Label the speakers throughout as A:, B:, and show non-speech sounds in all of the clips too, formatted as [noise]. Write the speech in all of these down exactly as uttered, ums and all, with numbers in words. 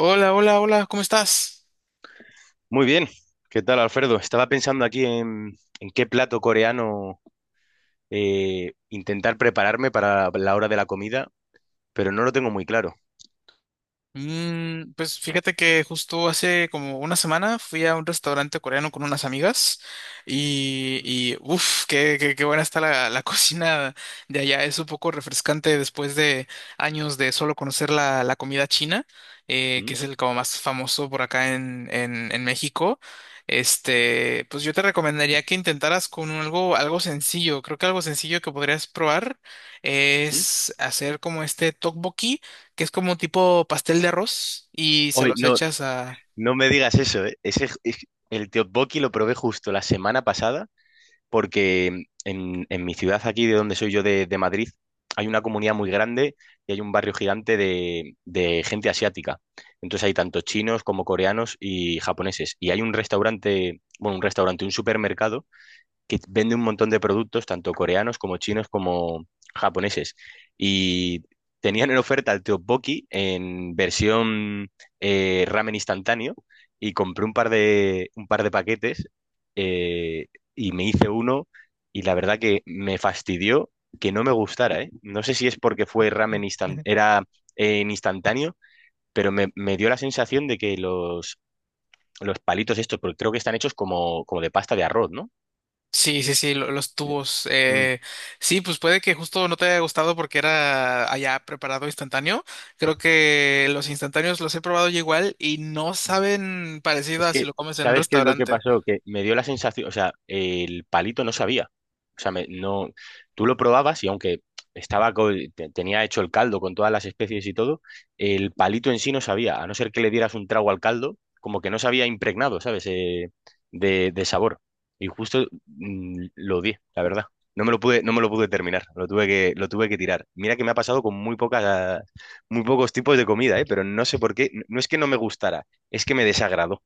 A: Hola, hola, hola, ¿cómo estás?
B: Muy bien, ¿qué tal, Alfredo? Estaba pensando aquí en, en qué plato coreano eh, intentar prepararme para la hora de la comida, pero no lo tengo muy claro.
A: Mm, pues fíjate que justo hace como una semana fui a un restaurante coreano con unas amigas y, y uff, qué, qué, qué buena está la, la [laughs] cocina de allá. Es un poco refrescante después de años de solo conocer la, la comida china, eh,
B: ¿Mm?
A: que es el como más famoso por acá en, en, en México. Este, pues yo te recomendaría que intentaras con algo, algo sencillo. Creo que algo sencillo que podrías probar
B: ¿Mm?
A: es hacer como este tteokbokki que es como tipo pastel de arroz y se
B: Oye,
A: los
B: no,
A: echas a...
B: no me digas eso, ¿eh? Ese, es- el tteokbokki lo probé justo la semana pasada, porque en, en mi ciudad aquí, de donde soy yo, de, de Madrid, hay una comunidad muy grande y hay un barrio gigante de, de gente asiática. Entonces hay tanto chinos como coreanos y japoneses. Y hay un restaurante, bueno, un restaurante, un supermercado que vende un montón de productos, tanto coreanos como chinos como japoneses. Y tenían en oferta el tteokbokki en versión eh, ramen instantáneo y compré un par de, un par de paquetes eh, y me hice uno y la verdad que me fastidió que no me gustara, ¿eh? No sé si es porque fue ramen instan-
A: Ujú.
B: era eh, en instantáneo, pero me, me dio la sensación de que los, los palitos estos, porque creo que están hechos como, como de pasta de arroz, ¿no?
A: Sí, sí, sí, lo- los tubos. eh, sí, pues puede que justo no te haya gustado porque era allá preparado instantáneo. Creo que los instantáneos los he probado yo igual y no saben parecido
B: Es
A: a si
B: que,
A: lo comes en un
B: ¿sabes qué es lo que
A: restaurante.
B: pasó? Que me dio la sensación, o sea, el palito no sabía. O sea, me- no, tú lo probabas y aunque estaba co- te- tenía hecho el caldo con todas las especies y todo, el palito en sí no sabía, a no ser que le dieras un trago al caldo, como que no se había impregnado, ¿sabes? Eh, de, de sabor. Y justo mm, lo di, la verdad. No me lo pude, no me lo pude terminar, lo tuve que, lo tuve que tirar. Mira que me ha pasado con muy pocas, muy pocos tipos de comida, ¿eh? Pero no sé por qué, no no es que no me gustara, es que me desagradó.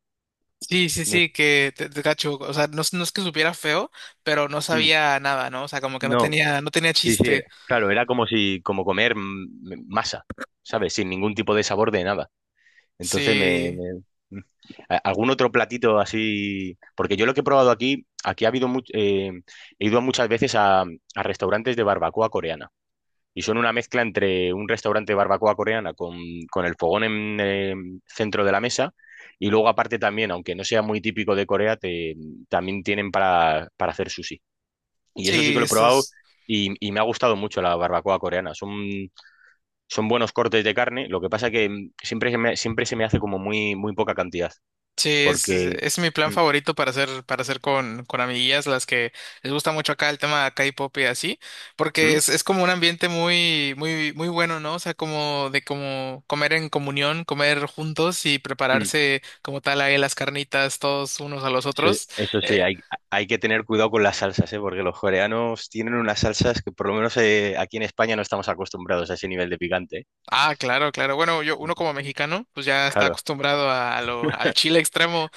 A: Sí, sí,
B: No,
A: sí,
B: es-
A: que te, te cacho. O sea, no, es- no es que supiera feo, pero no
B: mm,
A: sabía nada, ¿no? O sea, como que no
B: no,
A: tenía, no tenía
B: sí, sí, era-
A: chiste.
B: claro, era como si, como comer mm, masa, ¿sabes? Sin ningún tipo de sabor de nada. Entonces me,
A: Sí,
B: me- mm. A- ¿Algún otro platito así? Porque yo lo que he probado aquí, aquí ha habido much- eh, he ido muchas veces a, a restaurantes de barbacoa coreana. Y son una mezcla entre un restaurante de barbacoa coreana con, con el fogón en eh, centro de la mesa. Y luego aparte también, aunque no sea muy típico de Corea, te- también tienen para, para hacer sushi. Y eso sí que
A: sí,
B: lo he probado
A: estos.
B: y, y me ha gustado mucho la barbacoa coreana. Son, son buenos cortes de carne. Lo que pasa que mm, siempre se me, siempre se me hace como muy, muy poca cantidad.
A: Sí, es,
B: Porque.
A: es mi plan
B: Mm,
A: favorito para hacer, para hacer con, con amiguillas, las que les gusta mucho acá el tema K-pop y así, porque
B: mm,
A: es, es como un ambiente muy, muy, muy bueno, ¿no? O sea, como de como comer en comunión, comer juntos y
B: mm.
A: prepararse como tal ahí las carnitas todos unos a los
B: Eso,
A: otros.
B: eso sí,
A: Eh,
B: hay, hay que tener cuidado con las salsas, ¿eh? Porque los coreanos tienen unas salsas que por lo menos eh, aquí en España no estamos acostumbrados a ese nivel de picante, ¿eh?
A: ah, claro, claro. Bueno, yo, uno como mexicano, pues ya está
B: Claro.
A: acostumbrado a, lo, al chile extremo,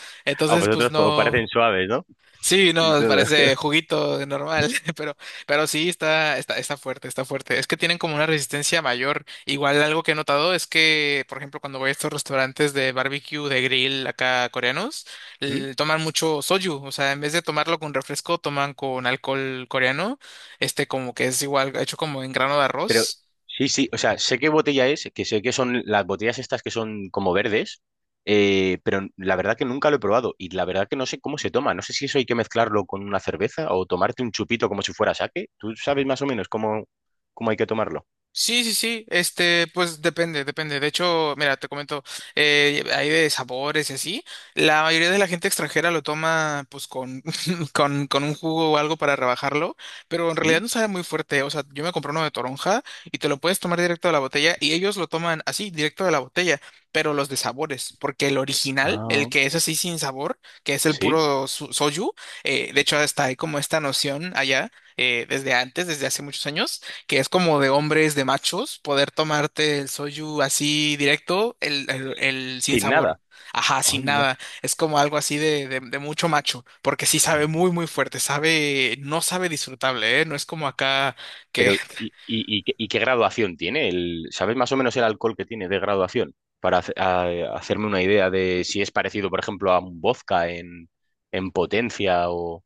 B: A
A: entonces pues
B: vosotros os
A: no.
B: parecen suaves, ¿no?
A: Sí,
B: Y
A: no,
B: todo.
A: parece
B: [laughs]
A: juguito de normal, [laughs] pero, pero sí está, está, está fuerte, está fuerte. Es que tienen como una resistencia mayor. Igual algo que he notado es que, por ejemplo, cuando voy a estos restaurantes de barbecue, de grill acá coreanos, l- toman mucho soju. O sea, en vez de tomarlo con refresco, toman con alcohol coreano, este como que es igual hecho como en grano de
B: Pero
A: arroz.
B: sí, sí, o sea, sé qué botella es, que sé que son las botellas estas que son como verdes, eh, pero la verdad que nunca lo he probado y la verdad que no sé cómo se toma. No sé si eso hay que mezclarlo con una cerveza o tomarte un chupito como si fuera sake. ¿Tú sabes más o menos cómo, cómo hay que tomarlo?
A: Sí, sí, sí, este, pues depende, depende. De hecho, mira, te comento, eh, hay de sabores y así. La mayoría de la gente extranjera lo toma, pues, con, [laughs] con, con un jugo o algo para rebajarlo, pero en realidad
B: ¿Mm?
A: no sabe muy fuerte. O sea, yo me compré uno de toronja y te lo puedes tomar directo de la botella y ellos lo toman así, directo de la botella, pero los de sabores, porque el original, el
B: Ah,
A: que es así sin sabor, que es el
B: sí,
A: puro su- soju, eh, de
B: sí.
A: hecho, hasta hay como esta noción allá, eh, desde antes, desde hace muchos años que es como de hombres, de machos, poder tomarte el soju así directo, el, el, el sin
B: Sin
A: sabor.
B: nada.
A: Ajá, sin nada. Es como algo así de, de, de mucho macho, porque sí sabe muy, muy fuerte, sabe, no sabe disfrutable, ¿eh? No es como acá que
B: Pero, ¿y,
A: [laughs]
B: y, y qué y qué graduación tiene? El, ¿sabes más o menos el alcohol que tiene de graduación? Para hace- a- hacerme una idea de si es parecido, por ejemplo, a un vodka en, en potencia o,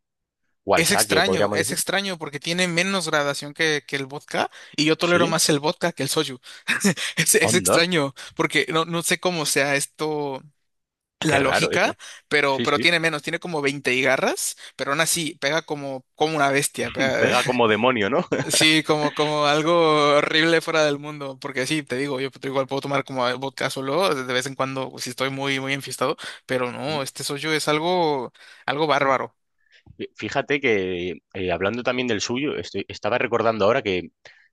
B: o al
A: es
B: sake,
A: extraño,
B: podríamos
A: es
B: decir.
A: extraño porque tiene menos gradación que, que el vodka y yo tolero
B: Sí,
A: más el vodka que el soju. [laughs] Es, es
B: onda,
A: extraño porque no, no sé cómo sea esto la
B: qué raro
A: lógica,
B: eso.
A: pero,
B: Sí,
A: pero
B: sí.
A: tiene menos, tiene como veinte y garras, pero aún así pega como, como una bestia, pega-
B: Pega como demonio, ¿no?
A: [laughs] sí, como, como algo horrible fuera del mundo, porque sí, te digo, yo igual puedo tomar como vodka solo de vez en cuando si estoy muy, muy enfiestado, pero no,
B: [laughs]
A: este soyo es algo, algo bárbaro.
B: Fíjate que eh, hablando también del suyo, estoy- estaba recordando ahora que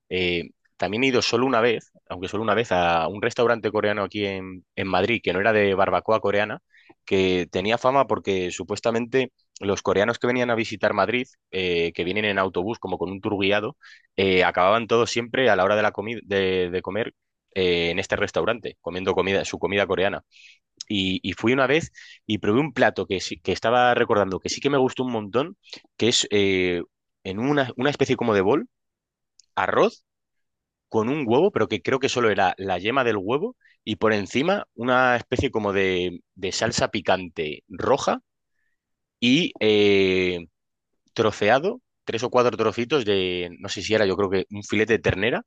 B: eh, también he ido solo una vez, aunque solo una vez, a un restaurante coreano aquí en, en Madrid, que no era de barbacoa coreana, que tenía fama porque supuestamente los coreanos que venían a visitar Madrid, eh, que vienen en autobús como con un tour guiado, eh, acababan todos siempre a la hora de la comida de, de comer eh, en este restaurante, comiendo comida, su comida coreana. Y, y fui una vez y probé un plato que, sí- que estaba recordando que sí que me gustó un montón, que es eh, en una, una especie como de bol, arroz con un huevo, pero que creo que solo era la yema del huevo y por encima una especie como de, de salsa picante roja y eh, troceado, tres o cuatro trocitos de, no sé si era, yo creo que un filete de ternera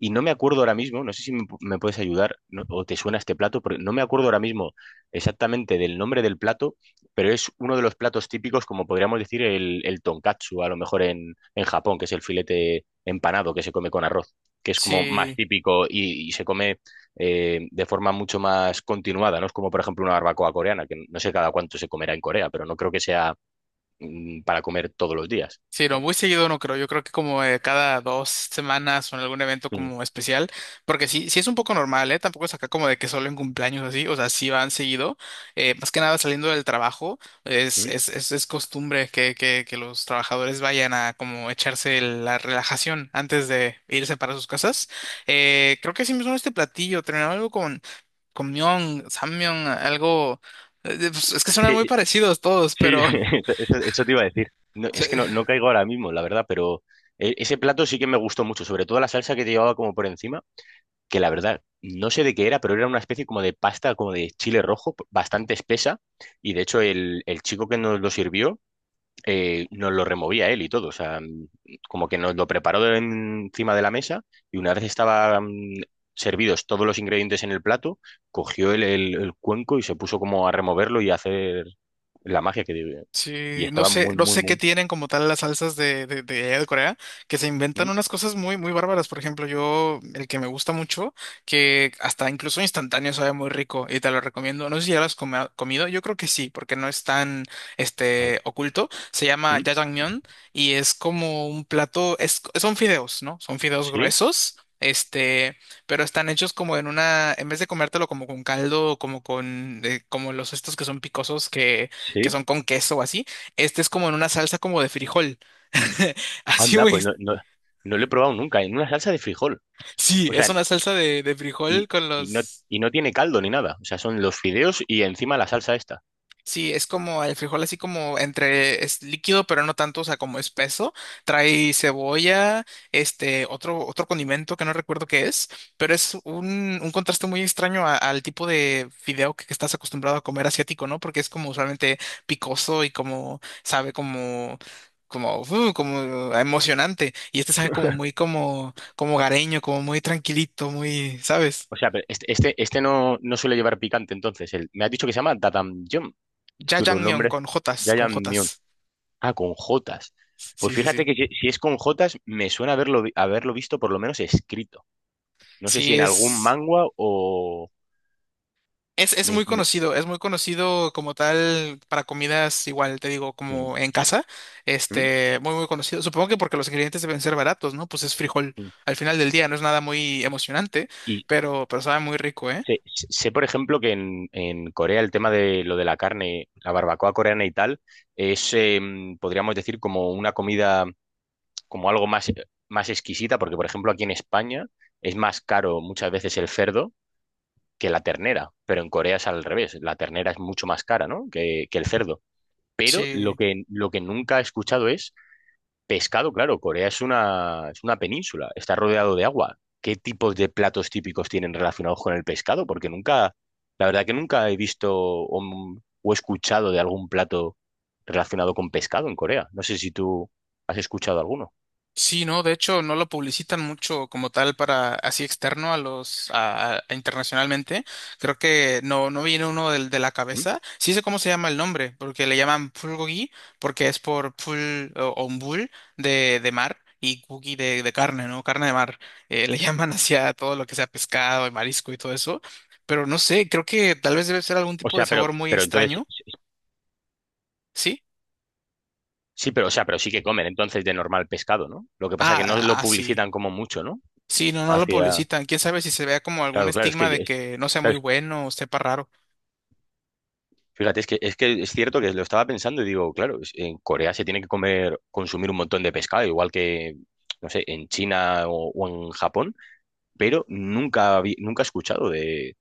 B: y no me acuerdo ahora mismo, no sé si me, me puedes ayudar no- o te suena este plato, porque no me acuerdo ahora mismo exactamente del nombre del plato, pero es uno de los platos típicos, como podríamos decir, el, el tonkatsu, a lo mejor en, en Japón, que es el filete empanado que se come con arroz, que es como más
A: Sí.
B: típico y, y se come eh, de forma mucho más continuada, ¿no? Es como, por ejemplo, una barbacoa coreana, que no sé cada cuánto se comerá en Corea, pero no creo que sea mm, para comer todos los días.
A: Sí, no, muy seguido no creo. Yo creo que como eh, cada dos semanas o en algún evento
B: Mm,
A: como especial, porque sí, sí es un poco normal, ¿eh? Tampoco es acá como de que solo en cumpleaños así, o sea, sí van seguido. Eh, más que nada saliendo del trabajo, es,
B: mm.
A: es, es, es costumbre que, que, que los trabajadores vayan a como echarse la relajación antes de irse para sus casas. Eh, creo que sí me suena este platillo, terminaba algo con, con Myeon, Sammyeon, algo... eh, pues, es que
B: Es
A: suenan muy
B: que
A: parecidos todos,
B: sí,
A: pero... [laughs]
B: [laughs] eso, eso- eso te iba a decir. No, es que no, no caigo ahora mismo, la verdad, pero e- ese plato sí que me gustó mucho, sobre todo la salsa que te llevaba como por encima, que la verdad, no sé de qué era, pero era una especie como de pasta, como de chile rojo, bastante espesa, y de hecho el, el chico que nos lo sirvió eh, nos lo removía él y todo, o sea, mm, como que nos lo preparó de- encima de la mesa y una vez estaban servidos todos los ingredientes en el plato, cogió el, el- el cuenco y se puso como a removerlo y a hacer la magia que debe. Y
A: Sí, no
B: estaba
A: sé,
B: muy,
A: no
B: muy,
A: sé qué
B: muy...
A: tienen como tal las salsas de, de, de allá de Corea, que se inventan
B: ¿Mm?
A: unas cosas muy, muy bárbaras. Por ejemplo, yo, el que me gusta mucho, que hasta incluso instantáneo sabe muy rico y te lo recomiendo. No sé si ya lo has come- comido, yo creo que sí, porque no es tan,
B: A ver,
A: este, oculto. Se llama
B: ¿Mm?
A: jajangmyeon y es como un plato, es, son fideos, ¿no? Son fideos
B: ¿Sí?
A: gruesos. Este, pero están hechos como en una, en vez de comértelo como con caldo, como con, eh, como los estos que son picosos que
B: ¿Sí?
A: son con queso o así. Este es como en una salsa como de frijol. [laughs] Así
B: Anda,
A: muy...
B: pues
A: ex-
B: no, no, no lo he probado nunca, en una salsa de frijol,
A: Sí,
B: o
A: es
B: sea,
A: una salsa de, de frijol
B: y,
A: con
B: y no,
A: los...
B: y no tiene caldo ni nada, o sea, son los fideos y encima la salsa esta.
A: Sí, es como el frijol así como entre es líquido, pero no tanto, o sea, como espeso. Trae cebolla, este, otro, otro condimento que no recuerdo qué es, pero es un, un contraste muy extraño a- al tipo de fideo que, que estás acostumbrado a comer asiático, ¿no? Porque es como usualmente picoso y como sabe como como uh, como emocionante y este sabe como muy como como gareño, como muy tranquilito, muy, ¿sabes?
B: O sea, pero este, este, este no, no suele llevar picante, entonces. El, me has dicho que se llama Dadanjon. Es que los
A: Jajangmyeon
B: nombres.
A: con jotas, con jotas.
B: Jajangmyeon. Ah, con Jotas. Pues
A: Sí, sí,
B: fíjate
A: sí.
B: que si, si es con Jotas, me suena haberlo, vi- haberlo visto por lo menos escrito. No sé si
A: Sí,
B: en algún
A: es.
B: manga o.
A: Es, es
B: me-
A: muy
B: me-
A: conocido, es muy conocido como tal para comidas igual, te digo,
B: mm,
A: como en casa,
B: mm,
A: este, muy muy conocido. Supongo que porque los ingredientes deben ser baratos, ¿no? Pues es frijol
B: mm.
A: al final del día, no es nada muy emocionante,
B: Y
A: pero, pero sabe muy rico, ¿eh?
B: sé, sé, por ejemplo, que en, en Corea el tema de lo de la carne, la barbacoa coreana y tal, es, eh, podríamos decir, como una comida. Como algo más, más exquisita, porque por ejemplo aquí en España es más caro muchas veces el cerdo que la ternera, pero en Corea es al revés, la ternera es mucho más cara, ¿no? que, que el cerdo. Pero lo
A: Sí.
B: que, lo que nunca he escuchado es pescado, claro, Corea es una, es una península, está rodeado de agua. ¿Qué tipos de platos típicos tienen relacionados con el pescado? Porque nunca, la verdad que nunca he visto o, o escuchado de algún plato relacionado con pescado en Corea. No sé si tú has escuchado alguno.
A: Sí, no, de hecho no lo publicitan mucho como tal para así externo a los a, a- a internacionalmente. Creo que no no viene uno del, de la cabeza. Sí sé cómo se llama el nombre, porque le llaman pulgogi porque es por pul o, o un bull de, de mar y gogi de, de carne, ¿no? Carne de mar. Eh, le [laughs] llaman hacia todo lo que sea pescado y marisco y todo eso. Pero no sé, creo que tal vez debe ser algún
B: O
A: tipo de
B: sea,
A: sabor
B: pero,
A: muy
B: pero entonces,
A: extraño. ¿Sí?
B: sí, pero, o sea, pero sí que comen entonces de normal pescado, ¿no? Lo que pasa que no
A: Ah,
B: lo
A: ah, sí.
B: publicitan como mucho, ¿no?
A: Sí, no, no lo
B: Hacia,
A: publicitan. Quién sabe si se vea como algún
B: claro, claro, es
A: estigma
B: que, yo-
A: de
B: es-
A: que no sea muy
B: claro, es-
A: bueno o sepa raro.
B: fíjate, es que, es que es cierto que lo estaba pensando y digo, claro, es- en Corea se tiene que comer, consumir un montón de pescado, igual que, no sé, en China o, o en Japón, pero nunca, habí- nunca he escuchado de,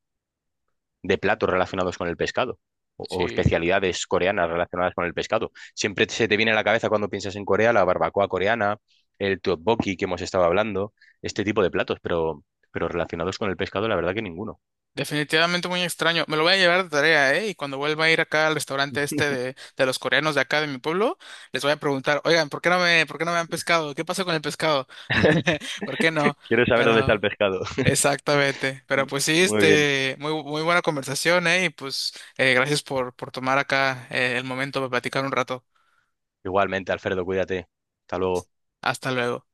B: de platos relacionados con el pescado o, o
A: Sí,
B: especialidades coreanas relacionadas con el pescado. Siempre se te viene a la cabeza cuando piensas en Corea la barbacoa coreana, el tteokbokki que hemos estado hablando, este tipo de platos, pero, pero relacionados con el pescado, la verdad que ninguno.
A: definitivamente muy extraño. Me lo voy a llevar de tarea, ¿eh? Y cuando vuelva a ir acá al restaurante este de, de los coreanos de acá de mi pueblo, les voy a preguntar, oigan, ¿por qué no me, por qué no me han pescado? ¿Qué pasó con el pescado? [laughs] ¿Por qué no?
B: Quiero saber dónde está el
A: Pero,
B: pescado.
A: exactamente. Pero
B: [laughs]
A: pues sí,
B: Muy bien.
A: este, muy, muy buena conversación, ¿eh? Y pues, eh, gracias por, por tomar acá, eh, el momento para platicar un rato.
B: Igualmente, Alfredo, cuídate. Hasta luego.
A: Hasta luego.